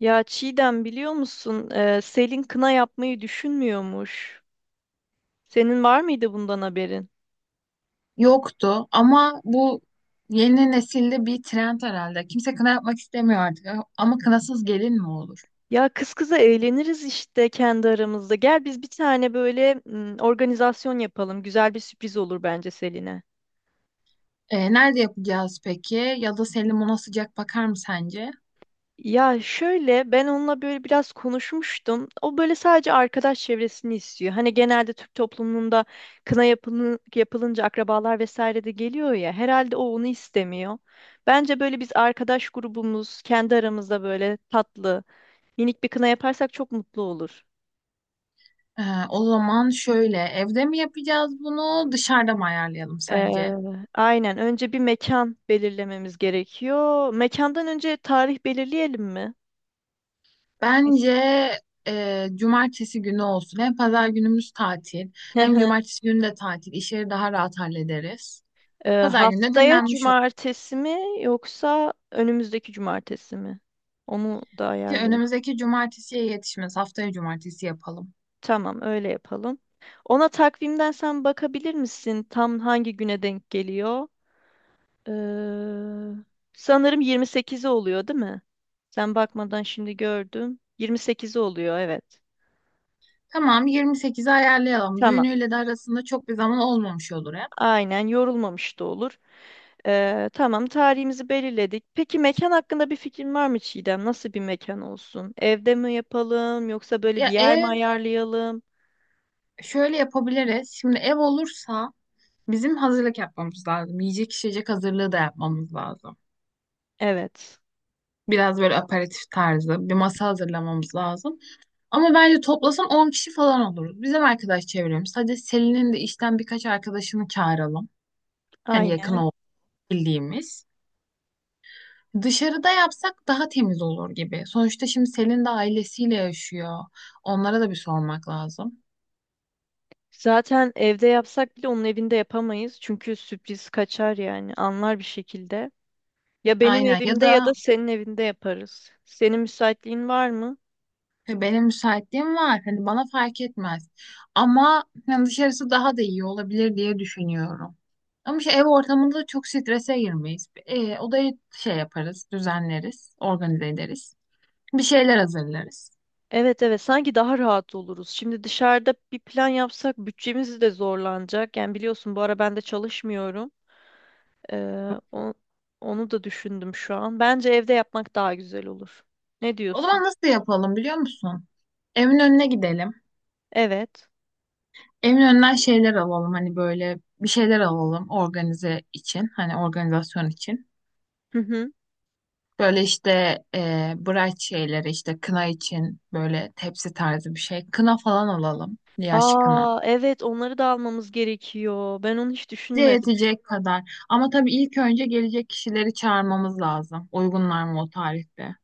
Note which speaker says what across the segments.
Speaker 1: Ya Çiğdem biliyor musun? Selin kına yapmayı düşünmüyormuş. Senin var mıydı bundan haberin?
Speaker 2: Yoktu ama bu yeni nesilde bir trend herhalde. Kimse kına yapmak istemiyor artık ama kınasız gelin mi olur?
Speaker 1: Ya kız kıza eğleniriz işte kendi aramızda. Gel biz bir tane böyle organizasyon yapalım. Güzel bir sürpriz olur bence Selin'e.
Speaker 2: Nerede yapacağız peki? Ya da Selim ona sıcak bakar mı sence?
Speaker 1: Ya şöyle ben onunla böyle biraz konuşmuştum. O böyle sadece arkadaş çevresini istiyor. Hani genelde Türk toplumunda kına yapılın, yapılınca akrabalar vesaire de geliyor ya. Herhalde o onu istemiyor. Bence böyle biz arkadaş grubumuz kendi aramızda böyle tatlı, minik bir kına yaparsak çok mutlu olur.
Speaker 2: Ee, O zaman şöyle evde mi yapacağız bunu dışarıda mı ayarlayalım
Speaker 1: Ee,
Speaker 2: sence?
Speaker 1: aynen önce bir mekan belirlememiz gerekiyor. Mekandan önce tarih belirleyelim mi?
Speaker 2: Bence
Speaker 1: Kesin.
Speaker 2: cumartesi günü olsun. Hem pazar günümüz tatil hem cumartesi günü de tatil. İşleri daha rahat hallederiz. Pazar günü de
Speaker 1: Haftaya
Speaker 2: dinlenmiş olur.
Speaker 1: cumartesi mi yoksa önümüzdeki cumartesi mi? Onu da ayarlayalım.
Speaker 2: Önümüzdeki cumartesiye yetişmez. Haftaya cumartesi yapalım.
Speaker 1: Tamam, öyle yapalım. Ona takvimden sen bakabilir misin? Tam hangi güne denk geliyor? Ee, Sanırım 28'i oluyor, değil mi? Sen bakmadan şimdi gördüm. 28'i oluyor, evet.
Speaker 2: Tamam, 28'i ayarlayalım.
Speaker 1: Tamam.
Speaker 2: Düğünüyle de arasında çok bir zaman olmamış olur ya.
Speaker 1: Aynen yorulmamış da olur. Tamam, tarihimizi belirledik. Peki mekan hakkında bir fikrin var mı Çiğdem? Nasıl bir mekan olsun? Evde mi yapalım yoksa böyle bir
Speaker 2: Ya
Speaker 1: yer mi
Speaker 2: ev
Speaker 1: ayarlayalım?
Speaker 2: şöyle yapabiliriz. Şimdi ev olursa bizim hazırlık yapmamız lazım. Yiyecek içecek hazırlığı da yapmamız lazım.
Speaker 1: Evet,
Speaker 2: Biraz böyle aperatif tarzı bir masa hazırlamamız lazım. Ama bence toplasan 10 kişi falan oluruz. Bizim arkadaş çevremiz. Hadi Selin'in de işten birkaç arkadaşını çağıralım. Yani yakın
Speaker 1: aynen.
Speaker 2: olduğu bildiğimiz. Dışarıda yapsak daha temiz olur gibi. Sonuçta şimdi Selin de ailesiyle yaşıyor. Onlara da bir sormak lazım.
Speaker 1: Zaten evde yapsak bile onun evinde yapamayız. Çünkü sürpriz kaçar yani anlar bir şekilde. Ya benim
Speaker 2: Aynen ya
Speaker 1: evimde ya da
Speaker 2: da
Speaker 1: senin evinde yaparız. Senin müsaitliğin var mı?
Speaker 2: benim müsaitliğim var. Hani bana fark etmez. Ama yani dışarısı daha da iyi olabilir diye düşünüyorum. Ama işte ev ortamında çok strese girmeyiz. Odayı şey yaparız, düzenleriz, organize ederiz. Bir şeyler hazırlarız.
Speaker 1: Evet, evet, sanki daha rahat oluruz. Şimdi dışarıda bir plan yapsak bütçemiz de zorlanacak. Yani biliyorsun bu ara ben de çalışmıyorum. Ee, o- Onu da düşündüm şu an. Bence evde yapmak daha güzel olur. Ne
Speaker 2: O
Speaker 1: diyorsun?
Speaker 2: zaman nasıl yapalım biliyor musun? Evin önüne gidelim.
Speaker 1: Evet.
Speaker 2: Evin önünden şeyler alalım hani böyle bir şeyler alalım organize için hani organizasyon için.
Speaker 1: Hı hı.
Speaker 2: Böyle işte bright şeyleri işte kına için böyle tepsi tarzı bir şey. Kına falan alalım yaş kına.
Speaker 1: Aa, evet onları da almamız gerekiyor. Ben onu hiç
Speaker 2: Bize
Speaker 1: düşünmedim.
Speaker 2: yetecek kadar ama tabii ilk önce gelecek kişileri çağırmamız lazım. Uygunlar mı o tarihte?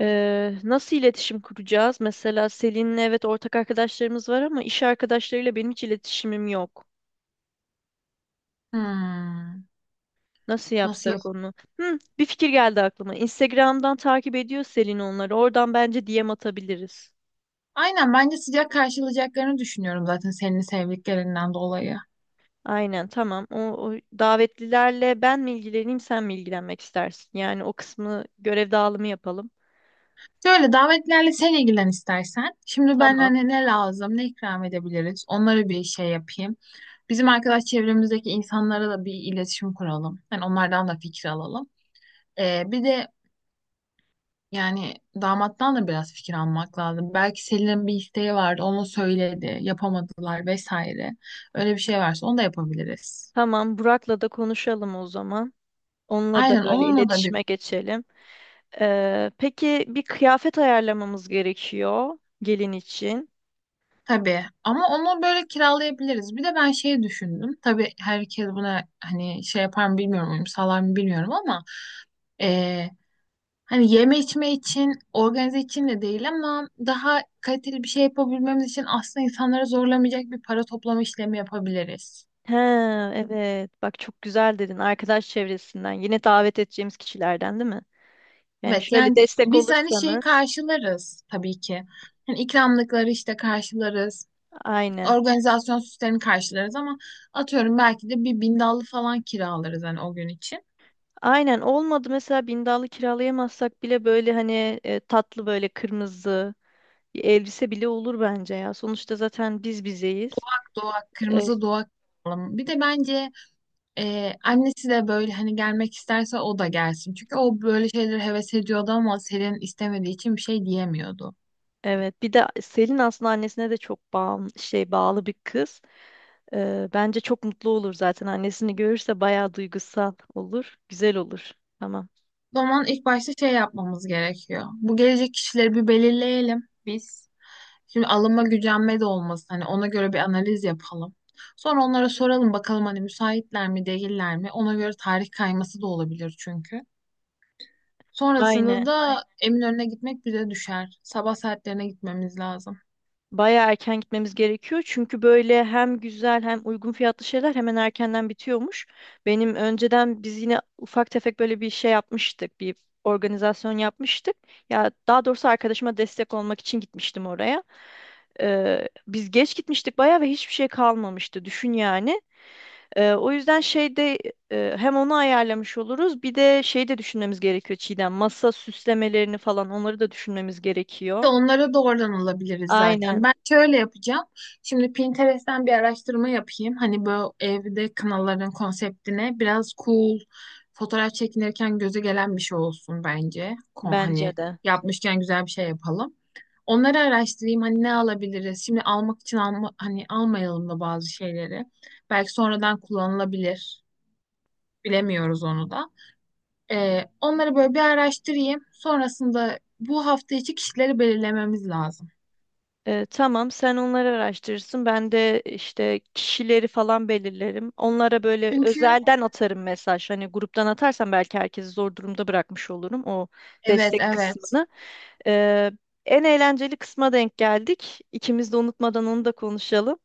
Speaker 1: Nasıl iletişim kuracağız? Mesela Selin'le evet ortak arkadaşlarımız var ama iş arkadaşlarıyla benim hiç iletişimim yok.
Speaker 2: Hmm,
Speaker 1: Nasıl
Speaker 2: nasıl yap?
Speaker 1: yapsak onu? Hı, bir fikir geldi aklıma. Instagram'dan takip ediyor Selin onları. Oradan bence DM atabiliriz.
Speaker 2: Aynen bence sıcak karşılayacaklarını düşünüyorum zaten senin sevdiklerinden dolayı.
Speaker 1: Aynen tamam. O davetlilerle ben mi ilgileneyim sen mi ilgilenmek istersin? Yani o kısmı görev dağılımı yapalım.
Speaker 2: Şöyle davetlerle sen ilgilen istersen. Şimdi ben
Speaker 1: Tamam.
Speaker 2: hani ne lazım, ne ikram edebiliriz? Onlara bir şey yapayım. Bizim arkadaş çevremizdeki insanlara da bir iletişim kuralım. Yani onlardan da fikir alalım. Bir de yani damattan da biraz fikir almak lazım. Belki Selin'in bir isteği vardı, onu söyledi, yapamadılar vesaire. Öyle bir şey varsa onu da yapabiliriz.
Speaker 1: Tamam Burak'la da konuşalım o zaman. Onunla da
Speaker 2: Aynen
Speaker 1: böyle
Speaker 2: onunla da bir
Speaker 1: iletişime geçelim. Peki bir kıyafet ayarlamamız gerekiyor gelin için.
Speaker 2: tabii ama onu böyle kiralayabiliriz. Bir de ben şey düşündüm. Tabii herkes buna hani şey yapar mı bilmiyorum, uyum sağlar mı bilmiyorum ama eee, hani yeme içme için, organize için de değil ama daha kaliteli bir şey yapabilmemiz için aslında insanları zorlamayacak bir para toplama işlemi yapabiliriz.
Speaker 1: He, evet. Bak çok güzel dedin. Arkadaş çevresinden. Yine davet edeceğimiz kişilerden değil mi? Yani
Speaker 2: Evet
Speaker 1: şöyle
Speaker 2: yani
Speaker 1: destek
Speaker 2: biz hani şeyi
Speaker 1: olursanız.
Speaker 2: karşılarız tabii ki. Hani ikramlıkları işte karşılarız.
Speaker 1: Aynen.
Speaker 2: Organizasyon süslerini karşılarız ama atıyorum belki de bir bindallı falan kiralarız hani o gün için.
Speaker 1: Aynen olmadı mesela bindallı kiralayamazsak bile böyle hani tatlı böyle kırmızı bir elbise bile olur bence ya. Sonuçta zaten biz bizeyiz.
Speaker 2: Doğak,
Speaker 1: E,
Speaker 2: kırmızı doğak alalım. Bir de bence annesi de böyle hani gelmek isterse o da gelsin. Çünkü o böyle şeyleri heves ediyordu ama Selin istemediği için bir şey diyemiyordu.
Speaker 1: evet bir de Selin aslında annesine de çok şey bağlı bir kız. Bence çok mutlu olur zaten annesini görürse bayağı duygusal olur. Güzel olur. Tamam.
Speaker 2: O zaman ilk başta şey yapmamız gerekiyor. Bu gelecek kişileri bir belirleyelim biz. Şimdi alınma gücenme de olmasın. Hani ona göre bir analiz yapalım. Sonra onlara soralım bakalım hani müsaitler mi değiller mi? Ona göre tarih kayması da olabilir çünkü. Sonrasında
Speaker 1: Aynen.
Speaker 2: da Eminönü'ne gitmek bize düşer. Sabah saatlerine gitmemiz lazım.
Speaker 1: Bayağı erken gitmemiz gerekiyor. Çünkü böyle hem güzel hem uygun fiyatlı şeyler hemen erkenden bitiyormuş. Benim önceden biz yine ufak tefek böyle bir şey yapmıştık. Bir organizasyon yapmıştık. Ya daha doğrusu arkadaşıma destek olmak için gitmiştim oraya. Biz geç gitmiştik bayağı ve hiçbir şey kalmamıştı. Düşün yani. O yüzden hem onu ayarlamış oluruz. Bir de şey de düşünmemiz gerekiyor Çiğdem. Masa süslemelerini falan onları da düşünmemiz
Speaker 2: İşte
Speaker 1: gerekiyor.
Speaker 2: onlara doğrudan alabiliriz zaten.
Speaker 1: Aynen
Speaker 2: Ben şöyle yapacağım. Şimdi Pinterest'ten bir araştırma yapayım. Hani bu evde kınaların konseptine biraz cool, fotoğraf çekinirken göze gelen bir şey olsun bence.
Speaker 1: bence
Speaker 2: Hani
Speaker 1: de.
Speaker 2: yapmışken güzel bir şey yapalım. Onları araştırayım. Hani ne alabiliriz? Şimdi almak için alma, hani almayalım da bazı şeyleri. Belki sonradan kullanılabilir. Bilemiyoruz onu da. Onları böyle bir araştırayım. Sonrasında bu hafta içi kişileri belirlememiz lazım.
Speaker 1: Tamam, sen onları araştırırsın. Ben de işte kişileri falan belirlerim. Onlara böyle
Speaker 2: Çünkü
Speaker 1: özelden atarım mesaj. Hani gruptan atarsam belki herkesi zor durumda bırakmış olurum o
Speaker 2: evet,
Speaker 1: destek
Speaker 2: evet.
Speaker 1: kısmını. Ee, En eğlenceli kısma denk geldik. İkimiz de unutmadan onu da konuşalım.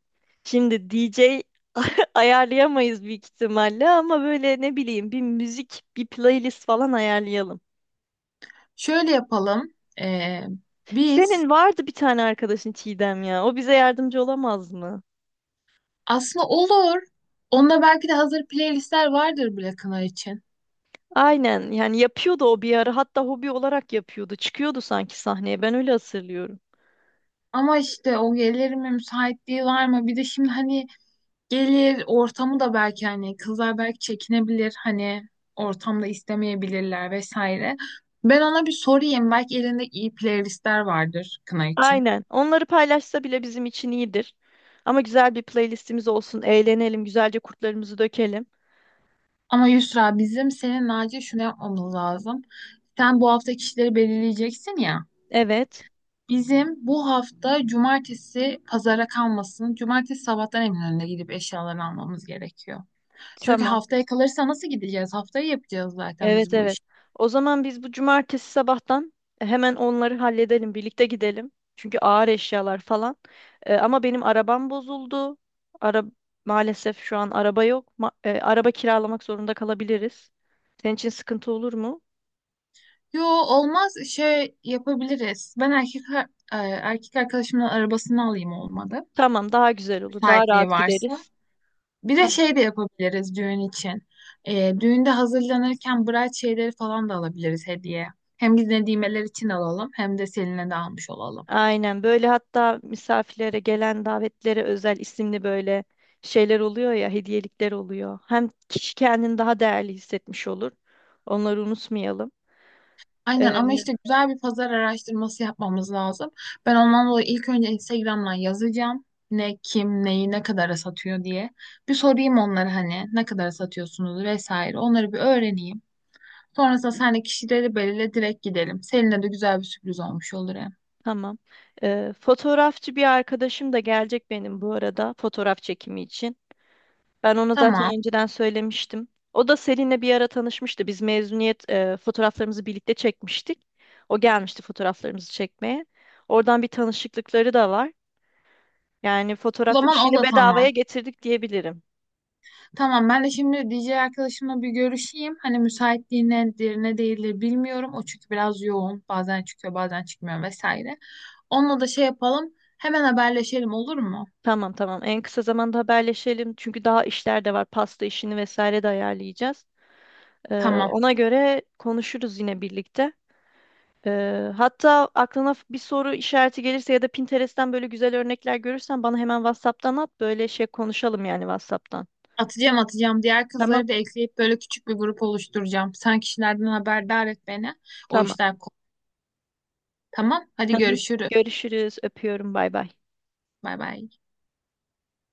Speaker 1: Şimdi DJ ayarlayamayız büyük ihtimalle ama böyle ne bileyim bir müzik, bir playlist falan ayarlayalım.
Speaker 2: Şöyle yapalım. Ee, biz
Speaker 1: Senin vardı bir tane arkadaşın Çiğdem ya. O bize yardımcı olamaz mı?
Speaker 2: aslında olur. Onda belki de hazır playlistler vardır bile kına için.
Speaker 1: Aynen yani yapıyordu o bir ara hatta hobi olarak yapıyordu. Çıkıyordu sanki sahneye ben öyle hatırlıyorum.
Speaker 2: Ama işte o gelir mi müsaitliği var mı? Bir de şimdi hani gelir ortamı da belki hani kızlar belki çekinebilir hani ortamda istemeyebilirler vesaire. Ben ona bir sorayım. Belki elinde iyi playlistler vardır kına için.
Speaker 1: Aynen onları paylaşsa bile bizim için iyidir. Ama güzel bir playlistimiz olsun eğlenelim güzelce kurtlarımızı dökelim.
Speaker 2: Ama Yusra bizim senin acil şunu yapmamız lazım. Sen bu hafta kişileri belirleyeceksin ya.
Speaker 1: Evet
Speaker 2: Bizim bu hafta cumartesi pazara kalmasın. Cumartesi sabahtan Eminönü'ne gidip eşyalarını almamız gerekiyor. Çünkü
Speaker 1: tamam
Speaker 2: haftaya kalırsa nasıl gideceğiz? Haftaya yapacağız zaten
Speaker 1: evet
Speaker 2: biz bu
Speaker 1: evet.
Speaker 2: işi.
Speaker 1: O zaman biz bu cumartesi sabahtan hemen onları halledelim birlikte gidelim. Çünkü ağır eşyalar falan. Ama benim arabam bozuldu. Ara Maalesef şu an araba yok. Araba kiralamak zorunda kalabiliriz. Senin için sıkıntı olur mu?
Speaker 2: Yo olmaz şey yapabiliriz. Erkek arkadaşımın arabasını alayım olmadı.
Speaker 1: Tamam, daha güzel olur. Daha
Speaker 2: Müsaitliği
Speaker 1: rahat
Speaker 2: varsa.
Speaker 1: gideriz.
Speaker 2: Bir de
Speaker 1: Tamam.
Speaker 2: şey de yapabiliriz düğün için. Düğünde hazırlanırken bride şeyleri falan da alabiliriz hediye. Hem biz Nedimeler için alalım hem de Selin'e de almış olalım.
Speaker 1: Aynen böyle hatta misafirlere gelen davetlere özel isimli böyle şeyler oluyor ya, hediyelikler oluyor. Hem kişi kendini daha değerli hissetmiş olur. Onları unutmayalım.
Speaker 2: Aynen ama
Speaker 1: Ee,
Speaker 2: işte güzel bir pazar araştırması yapmamız lazım. Ben ondan dolayı ilk önce Instagram'dan yazacağım. Ne, kim, neyi, ne kadara satıyor diye. Bir sorayım onlara hani ne kadara satıyorsunuz vesaire. Onları bir öğreneyim. Sonrasında seninle kişileri belirle direkt gidelim. Seninle de güzel bir sürpriz olmuş olur hem.
Speaker 1: tamam. Fotoğrafçı bir arkadaşım da gelecek benim bu arada fotoğraf çekimi için. Ben ona zaten
Speaker 2: Tamam.
Speaker 1: önceden söylemiştim. O da Selin'le bir ara tanışmıştı. Biz mezuniyet fotoğraflarımızı birlikte çekmiştik. O gelmişti fotoğraflarımızı çekmeye. Oradan bir tanışıklıkları da var. Yani
Speaker 2: O
Speaker 1: fotoğraf
Speaker 2: zaman o
Speaker 1: işini
Speaker 2: da tamam.
Speaker 1: bedavaya getirdik diyebilirim.
Speaker 2: Tamam ben de şimdi DJ arkadaşımla bir görüşeyim. Hani müsaitliği nedir ne değildir bilmiyorum. O çünkü biraz yoğun. Bazen çıkıyor bazen çıkmıyor vesaire. Onunla da şey yapalım. Hemen haberleşelim olur mu?
Speaker 1: Tamam, tamam. En kısa zamanda haberleşelim. Çünkü daha işler de var. Pasta işini vesaire de ayarlayacağız. E,
Speaker 2: Tamam.
Speaker 1: Ona göre konuşuruz yine birlikte. Hatta aklına bir soru işareti gelirse ya da Pinterest'ten böyle güzel örnekler görürsen bana hemen WhatsApp'tan at. Böyle şey konuşalım yani WhatsApp'tan.
Speaker 2: Atacağım atacağım. Diğer
Speaker 1: Tamam,
Speaker 2: kızları da ekleyip böyle küçük bir grup oluşturacağım. Sen kişilerden haberdar et beni. O
Speaker 1: tamam.
Speaker 2: işler kolay. Tamam.
Speaker 1: Hı
Speaker 2: Hadi
Speaker 1: hı.
Speaker 2: görüşürüz.
Speaker 1: Görüşürüz. Öpüyorum. Bay bay.
Speaker 2: Bay bay.